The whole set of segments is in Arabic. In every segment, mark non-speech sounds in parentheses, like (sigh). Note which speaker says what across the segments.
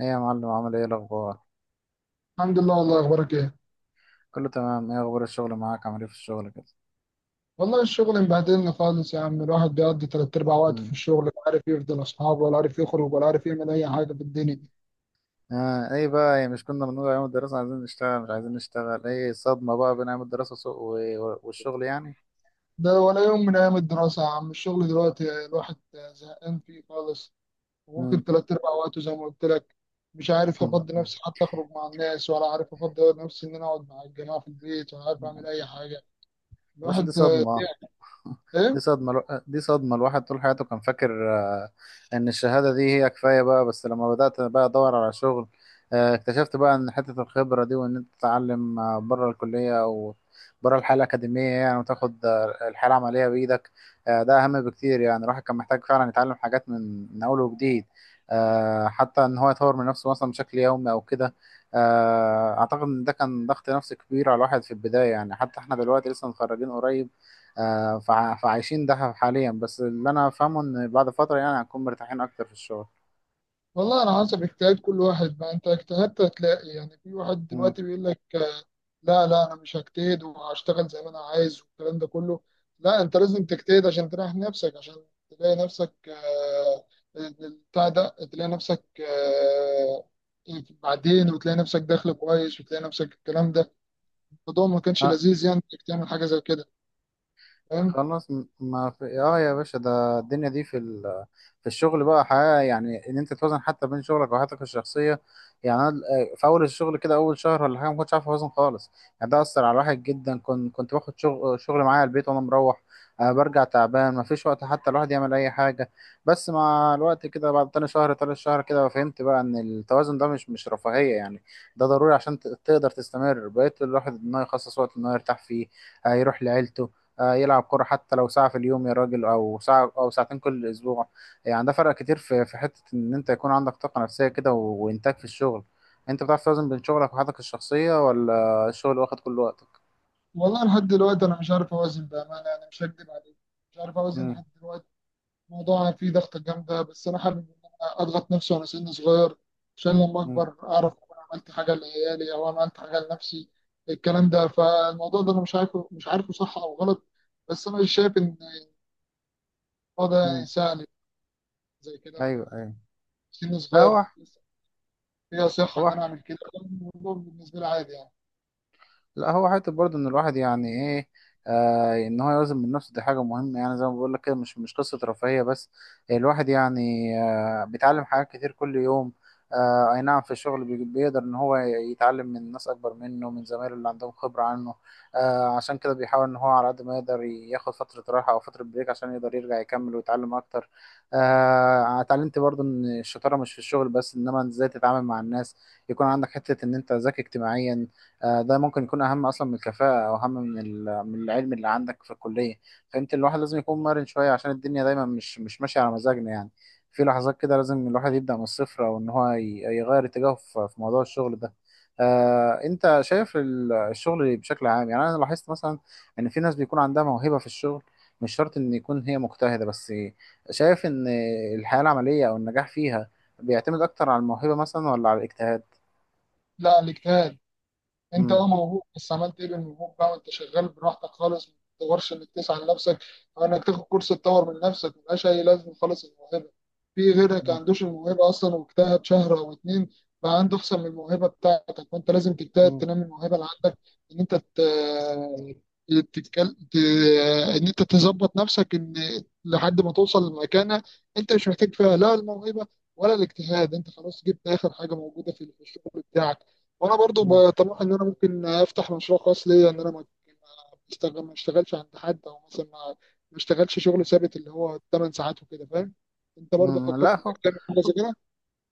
Speaker 1: ايه يا معلم، عامل ايه الاخبار؟
Speaker 2: الحمد لله. والله، اخبارك ايه؟
Speaker 1: كله تمام. ايه اخبار الشغل معاك؟ عامل ايه في الشغل كده؟
Speaker 2: والله الشغل مبهدلني خالص يا عم، الواحد بيقضي تلات ارباع وقته في
Speaker 1: امم
Speaker 2: الشغل، لا عارف يفضل اصحابه، ولا عارف يخرج، ولا عارف يعمل اي حاجه في الدنيا.
Speaker 1: آه، ايه بقى، إيه مش كنا بنقول ايام الدراسه عايزين نشتغل مش عايزين نشتغل؟ ايه الصدمه بقى بين ايام الدراسه والشغل يعني؟
Speaker 2: ده ولا يوم من ايام الدراسه يا عم. الشغل دلوقتي الواحد زهقان فيه خالص، واخد
Speaker 1: امم
Speaker 2: تلات ارباع وقته زي ما قلت لك. مش عارف افضي نفسي
Speaker 1: (laughs)
Speaker 2: حتى اخرج مع الناس، ولا عارف افضي نفسي ان انا اقعد مع الجماعه في البيت، ولا عارف
Speaker 1: يا
Speaker 2: اعمل اي حاجه.
Speaker 1: باشا
Speaker 2: الواحد
Speaker 1: دي
Speaker 2: تعب.
Speaker 1: صدمه. (laughs)
Speaker 2: ايه.
Speaker 1: دي صدمة الواحد طول حياته كان فاكر، إن الشهادة دي هي كفاية بقى، بس لما بدأت بقى أدور على شغل، اكتشفت بقى إن حتة الخبرة دي، وإن أنت تتعلم بره الكلية أو بره الحالة الأكاديمية يعني، وتاخد الحالة العملية بإيدك. ده أهم بكتير، يعني الواحد كان محتاج فعلا يتعلم حاجات من أول وجديد. حتى إن هو يطور من نفسه مثلا بشكل يومي أو كده. أعتقد إن ده كان ضغط نفسي كبير على الواحد في البداية، يعني حتى إحنا دلوقتي لسه متخرجين قريب. فعايشين ده حاليا، بس اللي انا فاهمه ان بعد فتره يعني هنكون مرتاحين اكتر في الشغل.
Speaker 2: والله، على حسب اجتهاد كل واحد. ما انت اجتهدت هتلاقي. يعني في واحد
Speaker 1: مم.
Speaker 2: دلوقتي بيقول لك لا لا، انا مش هجتهد وهشتغل زي ما انا عايز، والكلام ده كله. لا، انت لازم تجتهد عشان تريح نفسك، عشان تلاقي نفسك بتاع ده، تلاقي نفسك بعدين، وتلاقي نفسك دخل كويس، وتلاقي نفسك الكلام ده. الموضوع ما كانش
Speaker 1: آه،
Speaker 2: لذيذ يعني انك تعمل حاجه زي كده، فاهم؟
Speaker 1: خلاص، ما في يا باشا، ده الدنيا دي في الشغل بقى حياة، يعني ان انت توازن حتى بين شغلك وحياتك الشخصية. يعني انا في اول الشغل كده، اول شهر ولا حاجة ما كنتش عارف اوازن خالص. يعني ده اثر على الواحد جدا، كنت باخد شغل معايا البيت وانا مروح، برجع تعبان، ما فيش وقت حتى الواحد يعمل اي حاجة. بس مع الوقت كده، بعد تاني شهر تالت شهر كده، فهمت بقى ان التوازن ده مش رفاهية يعني، ده ضروري عشان تقدر تستمر. بقيت الواحد ان هو يخصص وقت ان هو يرتاح فيه، هيروح لعيلته، يلعب كرة حتى لو ساعة في اليوم يا راجل، أو ساعة أو ساعتين كل أسبوع. يعني ده فرق كتير في حتة إن أنت يكون عندك طاقة نفسية كده، وإنتاج في الشغل. أنت بتعرف توازن بين شغلك وحياتك الشخصية ولا الشغل واخد كل وقتك؟
Speaker 2: والله لحد دلوقتي انا مش عارف اوازن، بامانه انا مش هكدب عليك. مش عارف اوازن
Speaker 1: مم.
Speaker 2: لحد دلوقتي. الموضوع فيه ضغطة جامدة، بس أنا حابب إن أنا أضغط نفسي وأنا سن صغير عشان لما
Speaker 1: مم.
Speaker 2: أكبر أعرف أكون عملت حاجة لعيالي أو أنا عملت حاجة لنفسي، الكلام ده. فالموضوع ده أنا مش عارفه صح أو غلط. بس أنا شايف إن الموضوع ده
Speaker 1: مم.
Speaker 2: يساعد، زي كده.
Speaker 1: أيوه، أيوه.
Speaker 2: سن
Speaker 1: لا
Speaker 2: صغير
Speaker 1: هو
Speaker 2: لسه، فيها صحة إن
Speaker 1: هو
Speaker 2: أنا أعمل كده. الموضوع بالنسبة لي عادي يعني.
Speaker 1: لا هو حته برضه ان الواحد يعني ايه، ان هو يوازن من نفسه دي حاجه مهمه، يعني زي ما بقول لك كده، مش قصه رفاهيه بس، الواحد يعني بيتعلم حاجات كتير كل يوم. اي نعم، في الشغل بيقدر ان هو يتعلم من ناس اكبر منه، من زمايله اللي عندهم خبره عنه. عشان كده بيحاول ان هو على قد ما يقدر ياخد فتره راحه او فتره بريك، عشان يقدر يرجع يكمل ويتعلم اكتر. اتعلمت برضه ان الشطاره مش في الشغل بس، انما ازاي تتعامل مع الناس، يكون عندك حته ان انت ذكي اجتماعيا. ده ممكن يكون اهم اصلا من الكفاءه، او اهم من العلم اللي عندك في الكليه. فانت الواحد لازم يكون مرن شويه، عشان الدنيا دايما مش ماشيه على مزاجنا يعني. في لحظات كده لازم الواحد يبدا من الصفر، او ان هو يغير اتجاهه في موضوع الشغل ده. انت شايف الشغل بشكل عام، يعني انا لاحظت مثلا ان في ناس بيكون عندها موهبه في الشغل، مش شرط ان يكون هي مجتهده بس. شايف ان الحياه العمليه او النجاح فيها بيعتمد اكتر على الموهبه مثلا ولا على الاجتهاد؟
Speaker 2: لا، الاجتهاد. انت موهوب، بس عملت ايه بالموهوب بقى؟ وانت شغال براحتك خالص، ما بتدورش انك تسعى لنفسك، او انك تاخد كورس تطور من نفسك. ملهاش اي لازمه خالص الموهبه. في غيرك ما عندوش الموهبه اصلا واجتهد شهر او اتنين، بقى عنده احسن من الموهبه بتاعتك، وانت لازم تجتهد تنمي الموهبه اللي عندك. ان انت ت... تتكل... ت... ان انت تظبط نفسك ان لحد ما توصل لمكانه انت مش محتاج فيها لا الموهبه ولا الاجتهاد. انت خلاص جبت اخر حاجه موجوده في الشغل بتاعك. وانا برضو
Speaker 1: امم
Speaker 2: بطمح ان انا ممكن افتح مشروع خاص ليا، ان انا ما ما بشتغل ما اشتغلش عند حد، او مثلا ما اشتغلش شغل ثابت اللي هو 8 ساعات وكده، فاهم؟ انت برضو
Speaker 1: لا
Speaker 2: فكرت
Speaker 1: هو،
Speaker 2: انك تعمل حاجه زي كده؟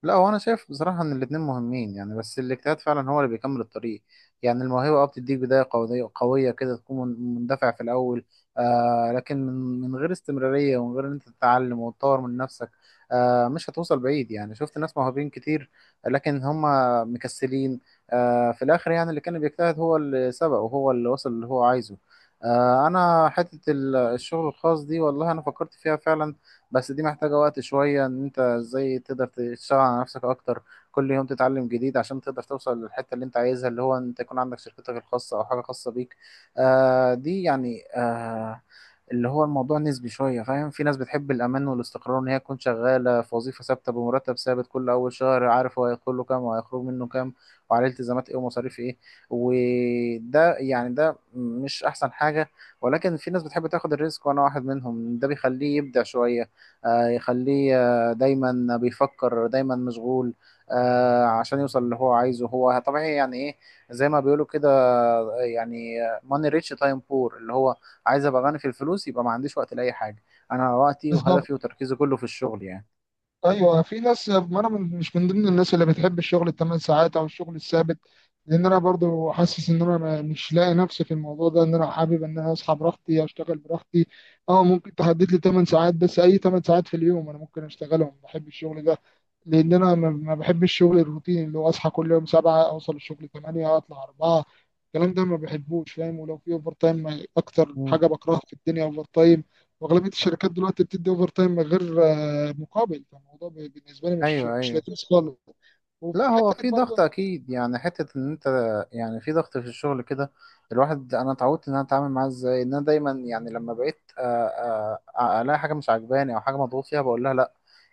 Speaker 1: انا شايف بصراحه ان الاثنين مهمين يعني، بس الاجتهاد فعلا هو اللي بيكمل الطريق. يعني الموهبه بتديك بدايه قويه، قويه كده تكون مندفع في الاول، لكن من غير استمراريه، ومن غير ان انت تتعلم وتطور من نفسك، مش هتوصل بعيد يعني. شفت ناس موهوبين كتير لكن هم مكسلين، في الاخر يعني اللي كان بيجتهد هو اللي سبق، وهو اللي وصل اللي هو عايزه. انا حته الشغل الخاص دي، والله انا فكرت فيها فعلا، بس دي محتاجة وقت شوية، ان انت ازاي تقدر تشتغل على نفسك اكتر، كل يوم تتعلم جديد عشان تقدر توصل للحتة اللي انت عايزها، اللي هو انت يكون عندك شركتك الخاصة، او حاجة خاصة بيك. دي يعني اللي هو، الموضوع نسبي شوية، فاهم؟ في ناس بتحب الأمان والاستقرار، إن هي تكون شغالة في وظيفة ثابتة بمرتب ثابت، كل أول شهر عارف هو هيدخل له كام وهيخرج منه كام، وعليه التزامات إيه ومصاريف إيه. وده يعني ده مش أحسن حاجة، ولكن في ناس بتحب تاخد الريسك، وأنا واحد منهم. ده بيخليه يبدع شوية، يخليه دايما بيفكر، دايما مشغول، عشان يوصل اللي هو عايزه. هو طبيعي يعني ايه، زي ما بيقولوا كده، يعني ماني ريتش تايم بور، اللي هو عايز ابقى غني في الفلوس يبقى ما عنديش وقت لاي حاجه. انا وقتي
Speaker 2: بالظبط.
Speaker 1: وهدفي وتركيزي كله في الشغل يعني.
Speaker 2: ايوه، في ناس، ما انا مش من ضمن الناس اللي بتحب الشغل الثمان ساعات او الشغل الثابت، لان انا برضو حاسس ان انا مش لاقي نفسي في الموضوع ده. ان انا حابب ان انا اصحى براحتي، اشتغل براحتي. اه، ممكن تحدد لي 8 ساعات، بس اي 8 ساعات في اليوم انا ممكن اشتغلهم، بحب الشغل ده. لان انا ما بحبش الشغل الروتيني، اللي هو اصحى كل يوم 7، اوصل الشغل 8، اطلع 4. الكلام ده ما بحبوش، فاهم؟ ولو في اوفر تايم، اكتر
Speaker 1: مم.
Speaker 2: حاجه بكرهها في الدنيا اوفر تايم. واغلبيه الشركات دلوقتي بتدي اوفر تايم من غير مقابل، فالموضوع بالنسبه لي مش
Speaker 1: ايوه،
Speaker 2: مش
Speaker 1: ايوه.
Speaker 2: لذيذ خالص.
Speaker 1: لا
Speaker 2: وفي
Speaker 1: هو
Speaker 2: حته
Speaker 1: في
Speaker 2: برضه
Speaker 1: ضغط
Speaker 2: إن-
Speaker 1: اكيد يعني، حته ان انت يعني في ضغط في الشغل كده. الواحد انا اتعودت ان انا اتعامل معاه ازاي، ان انا دايما يعني، لما بقيت الاقي حاجه مش عاجباني او حاجه مضغوط فيها بقول لها لا.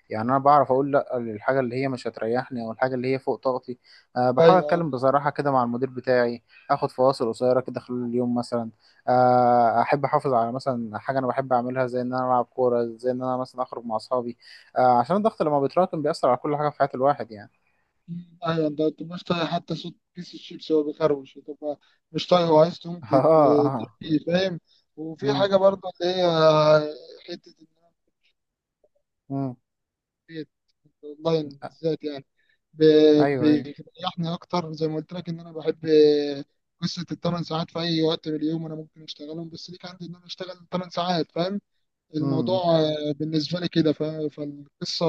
Speaker 1: يعني انا بعرف اقول لا للحاجه اللي هي مش هتريحني، او الحاجه اللي هي فوق طاقتي. بحاول
Speaker 2: ايوه.
Speaker 1: اتكلم بصراحه كده مع المدير بتاعي، اخد فواصل قصيره كده خلال اليوم مثلا. احب احافظ على مثلا حاجه انا بحب اعملها، زي ان انا العب كوره، زي ان انا مثلا اخرج مع اصحابي. عشان الضغط لما بيتراكم بيأثر على كل حاجه في حياه الواحد يعني.
Speaker 2: مم، ايوه. انت مش طايق حتى صوت كيس الشيبسي وهو بيخروش، بتبقى مش طايق، هو عايز تقوم
Speaker 1: اه، اه.
Speaker 2: تحكيه، فاهم؟ وفي
Speaker 1: امم،
Speaker 2: حاجه برضه اللي هي، حته ان انا
Speaker 1: امم.
Speaker 2: بقيت اونلاين بالذات يعني،
Speaker 1: ايوه، ايوه.
Speaker 2: بيريحني اكتر. زي ما قلت لك، ان انا بحب قصه الثمان ساعات. في اي وقت من اليوم انا ممكن اشتغلهم، بس ليك عندي ان انا اشتغل ثمان ساعات، فاهم؟
Speaker 1: امم.
Speaker 2: الموضوع بالنسبة لي كده، فالقصة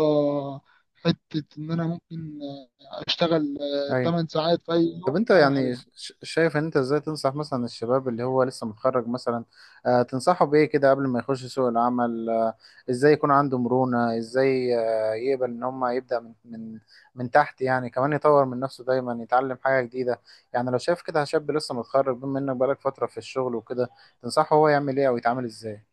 Speaker 2: حتة إن أنا ممكن أشتغل
Speaker 1: ايوه.
Speaker 2: 8 ساعات في أي يوم.
Speaker 1: طب انت
Speaker 2: أنا
Speaker 1: يعني،
Speaker 2: حبيبي.
Speaker 1: شايف ان انت ازاي تنصح مثلا الشباب اللي هو لسه متخرج مثلا، تنصحه بايه كده قبل ما يخش سوق العمل، ازاي يكون عنده مرونة، ازاي يقبل ان هم يبدأ من من تحت يعني، كمان يطور من نفسه دايما يتعلم حاجة جديدة؟ يعني لو شايف كده شاب لسه متخرج، بما انك بقالك فترة في الشغل وكده، تنصحه هو يعمل ايه او يتعامل ازاي؟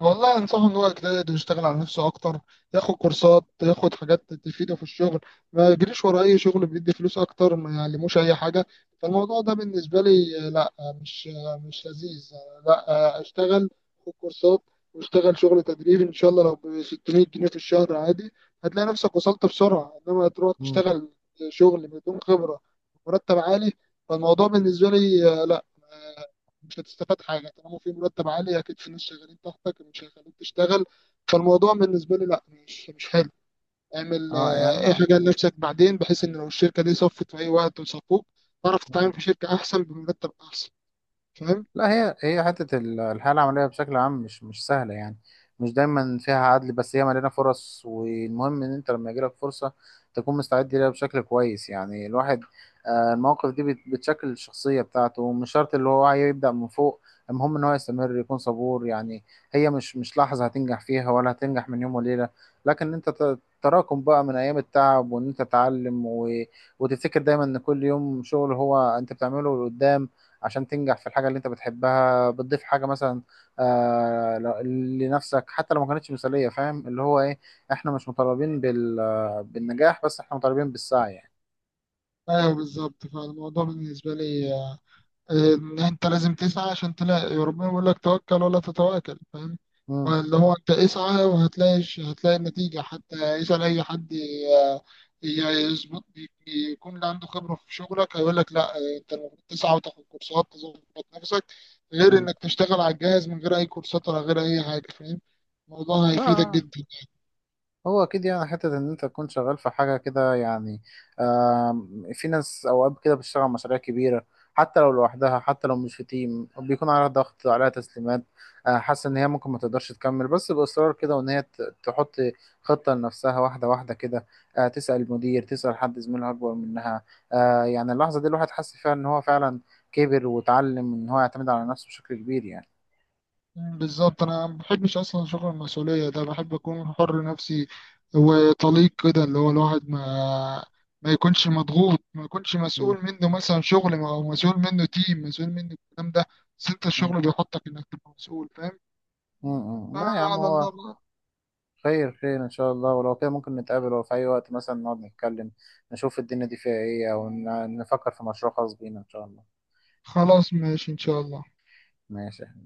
Speaker 2: والله انصحه ان هو يجتهد ويشتغل على نفسه اكتر، ياخد كورسات، ياخد حاجات تفيده في الشغل. ما يجريش ورا اي شغل بيدي فلوس اكتر ما يعلموش اي حاجه. فالموضوع ده بالنسبه لي لا. مش لذيذ. لا. اشتغل، خد كورسات، واشتغل شغل تدريبي ان شاء الله لو ب 600 جنيه في الشهر، عادي، هتلاقي نفسك وصلت بسرعه. انما تروح
Speaker 1: امم.
Speaker 2: تشتغل شغل بدون خبره، مرتب عالي، فالموضوع بالنسبه لي لا. مش هتستفاد حاجه، طالما في مرتب عالي اكيد في ناس شغالين تحتك مش هيخلوك تشتغل. فالموضوع بالنسبه لي لا، مش حلو. اعمل
Speaker 1: اه،
Speaker 2: اي
Speaker 1: يعني،
Speaker 2: حاجه لنفسك بعدين، بحيث ان لو الشركه دي صفت في اي وقت وصفوك، تعرف تتعامل في شركه احسن بمرتب احسن، فاهم؟
Speaker 1: لا هي، هي حتة الحياة العملية بشكل عام مش سهلة يعني، مش دايما فيها عدل، بس هي مليانة فرص، والمهم إن أنت لما يجيلك فرصة تكون مستعد ليها بشكل كويس. يعني الواحد، المواقف دي بتشكل الشخصية بتاعته، مش شرط اللي هو يبدأ من فوق، المهم إن هو يستمر، يكون صبور يعني. هي مش لحظة هتنجح فيها، ولا هتنجح من يوم وليلة، لكن أنت تراكم بقى من أيام التعب، وإن أنت تتعلم وتفتكر دايما إن كل يوم شغل هو أنت بتعمله لقدام، عشان تنجح في الحاجة اللي انت بتحبها، بتضيف حاجة مثلا لنفسك، حتى لو ما كانتش مثالية، فاهم اللي هو ايه؟ احنا مش مطالبين بالنجاح بس، احنا مطالبين بالسعي يعني.
Speaker 2: ايوه، بالظبط. فالموضوع بالنسبه لي إن انت لازم تسعى عشان تلاقي. ربنا بيقول لك توكل ولا تتواكل، فاهم؟
Speaker 1: مم.
Speaker 2: اللي هو انت اسعى وهتلاقي. هتلاقي النتيجة حتى. اسأل اي حد، ي- يظبط، يكون اللي عنده خبرة في شغلك هيقول لك لا، انت المفروض تسعى وتاخد كورسات، تظبط نفسك، غير
Speaker 1: مم.
Speaker 2: انك تشتغل على الجهاز من غير اي كورسات ولا غير اي حاجة، فاهم؟ الموضوع هيفيدك
Speaker 1: لا
Speaker 2: جدا.
Speaker 1: هو اكيد يعني، حته ان انت تكون شغال في حاجه كده يعني. في ناس اوقات كده بتشتغل على مشاريع كبيره، حتى لو لوحدها، حتى لو مش في تيم، بيكون عليها ضغط، عليها تسليمات، حاسه ان هي ممكن ما تقدرش تكمل، بس باصرار كده، وان هي تحط خطه لنفسها واحده واحده كده، تسال المدير، تسال حد زميلها اكبر منها. يعني اللحظه دي الواحد حس فيها ان هو فعلا كبر، وتعلم ان هو يعتمد على نفسه بشكل كبير يعني.
Speaker 2: مم، بالظبط. انا ما بحبش اصلا شغل المسؤوليه ده، بحب اكون حر نفسي وطليق كده، اللي هو الواحد ما يكونش مضغوط، ما يكونش
Speaker 1: م-
Speaker 2: مسؤول منه مثلا شغل، او مسؤول منه تيم، مسؤول منه الكلام ده. بس انت
Speaker 1: م-
Speaker 2: الشغل بيحطك انك تبقى مسؤول، فاهم؟
Speaker 1: م- م. لا يا عم،
Speaker 2: فعلى
Speaker 1: هو
Speaker 2: الله بقى.
Speaker 1: خير، خير إن شاء الله. ولو كده ممكن نتقابل، أو في أي وقت مثلا نقعد نتكلم، نشوف الدنيا دي فيها إيه، أو نفكر في مشروع خاص بينا إن شاء الله.
Speaker 2: خلاص ماشي ان شاء الله.
Speaker 1: ماشي.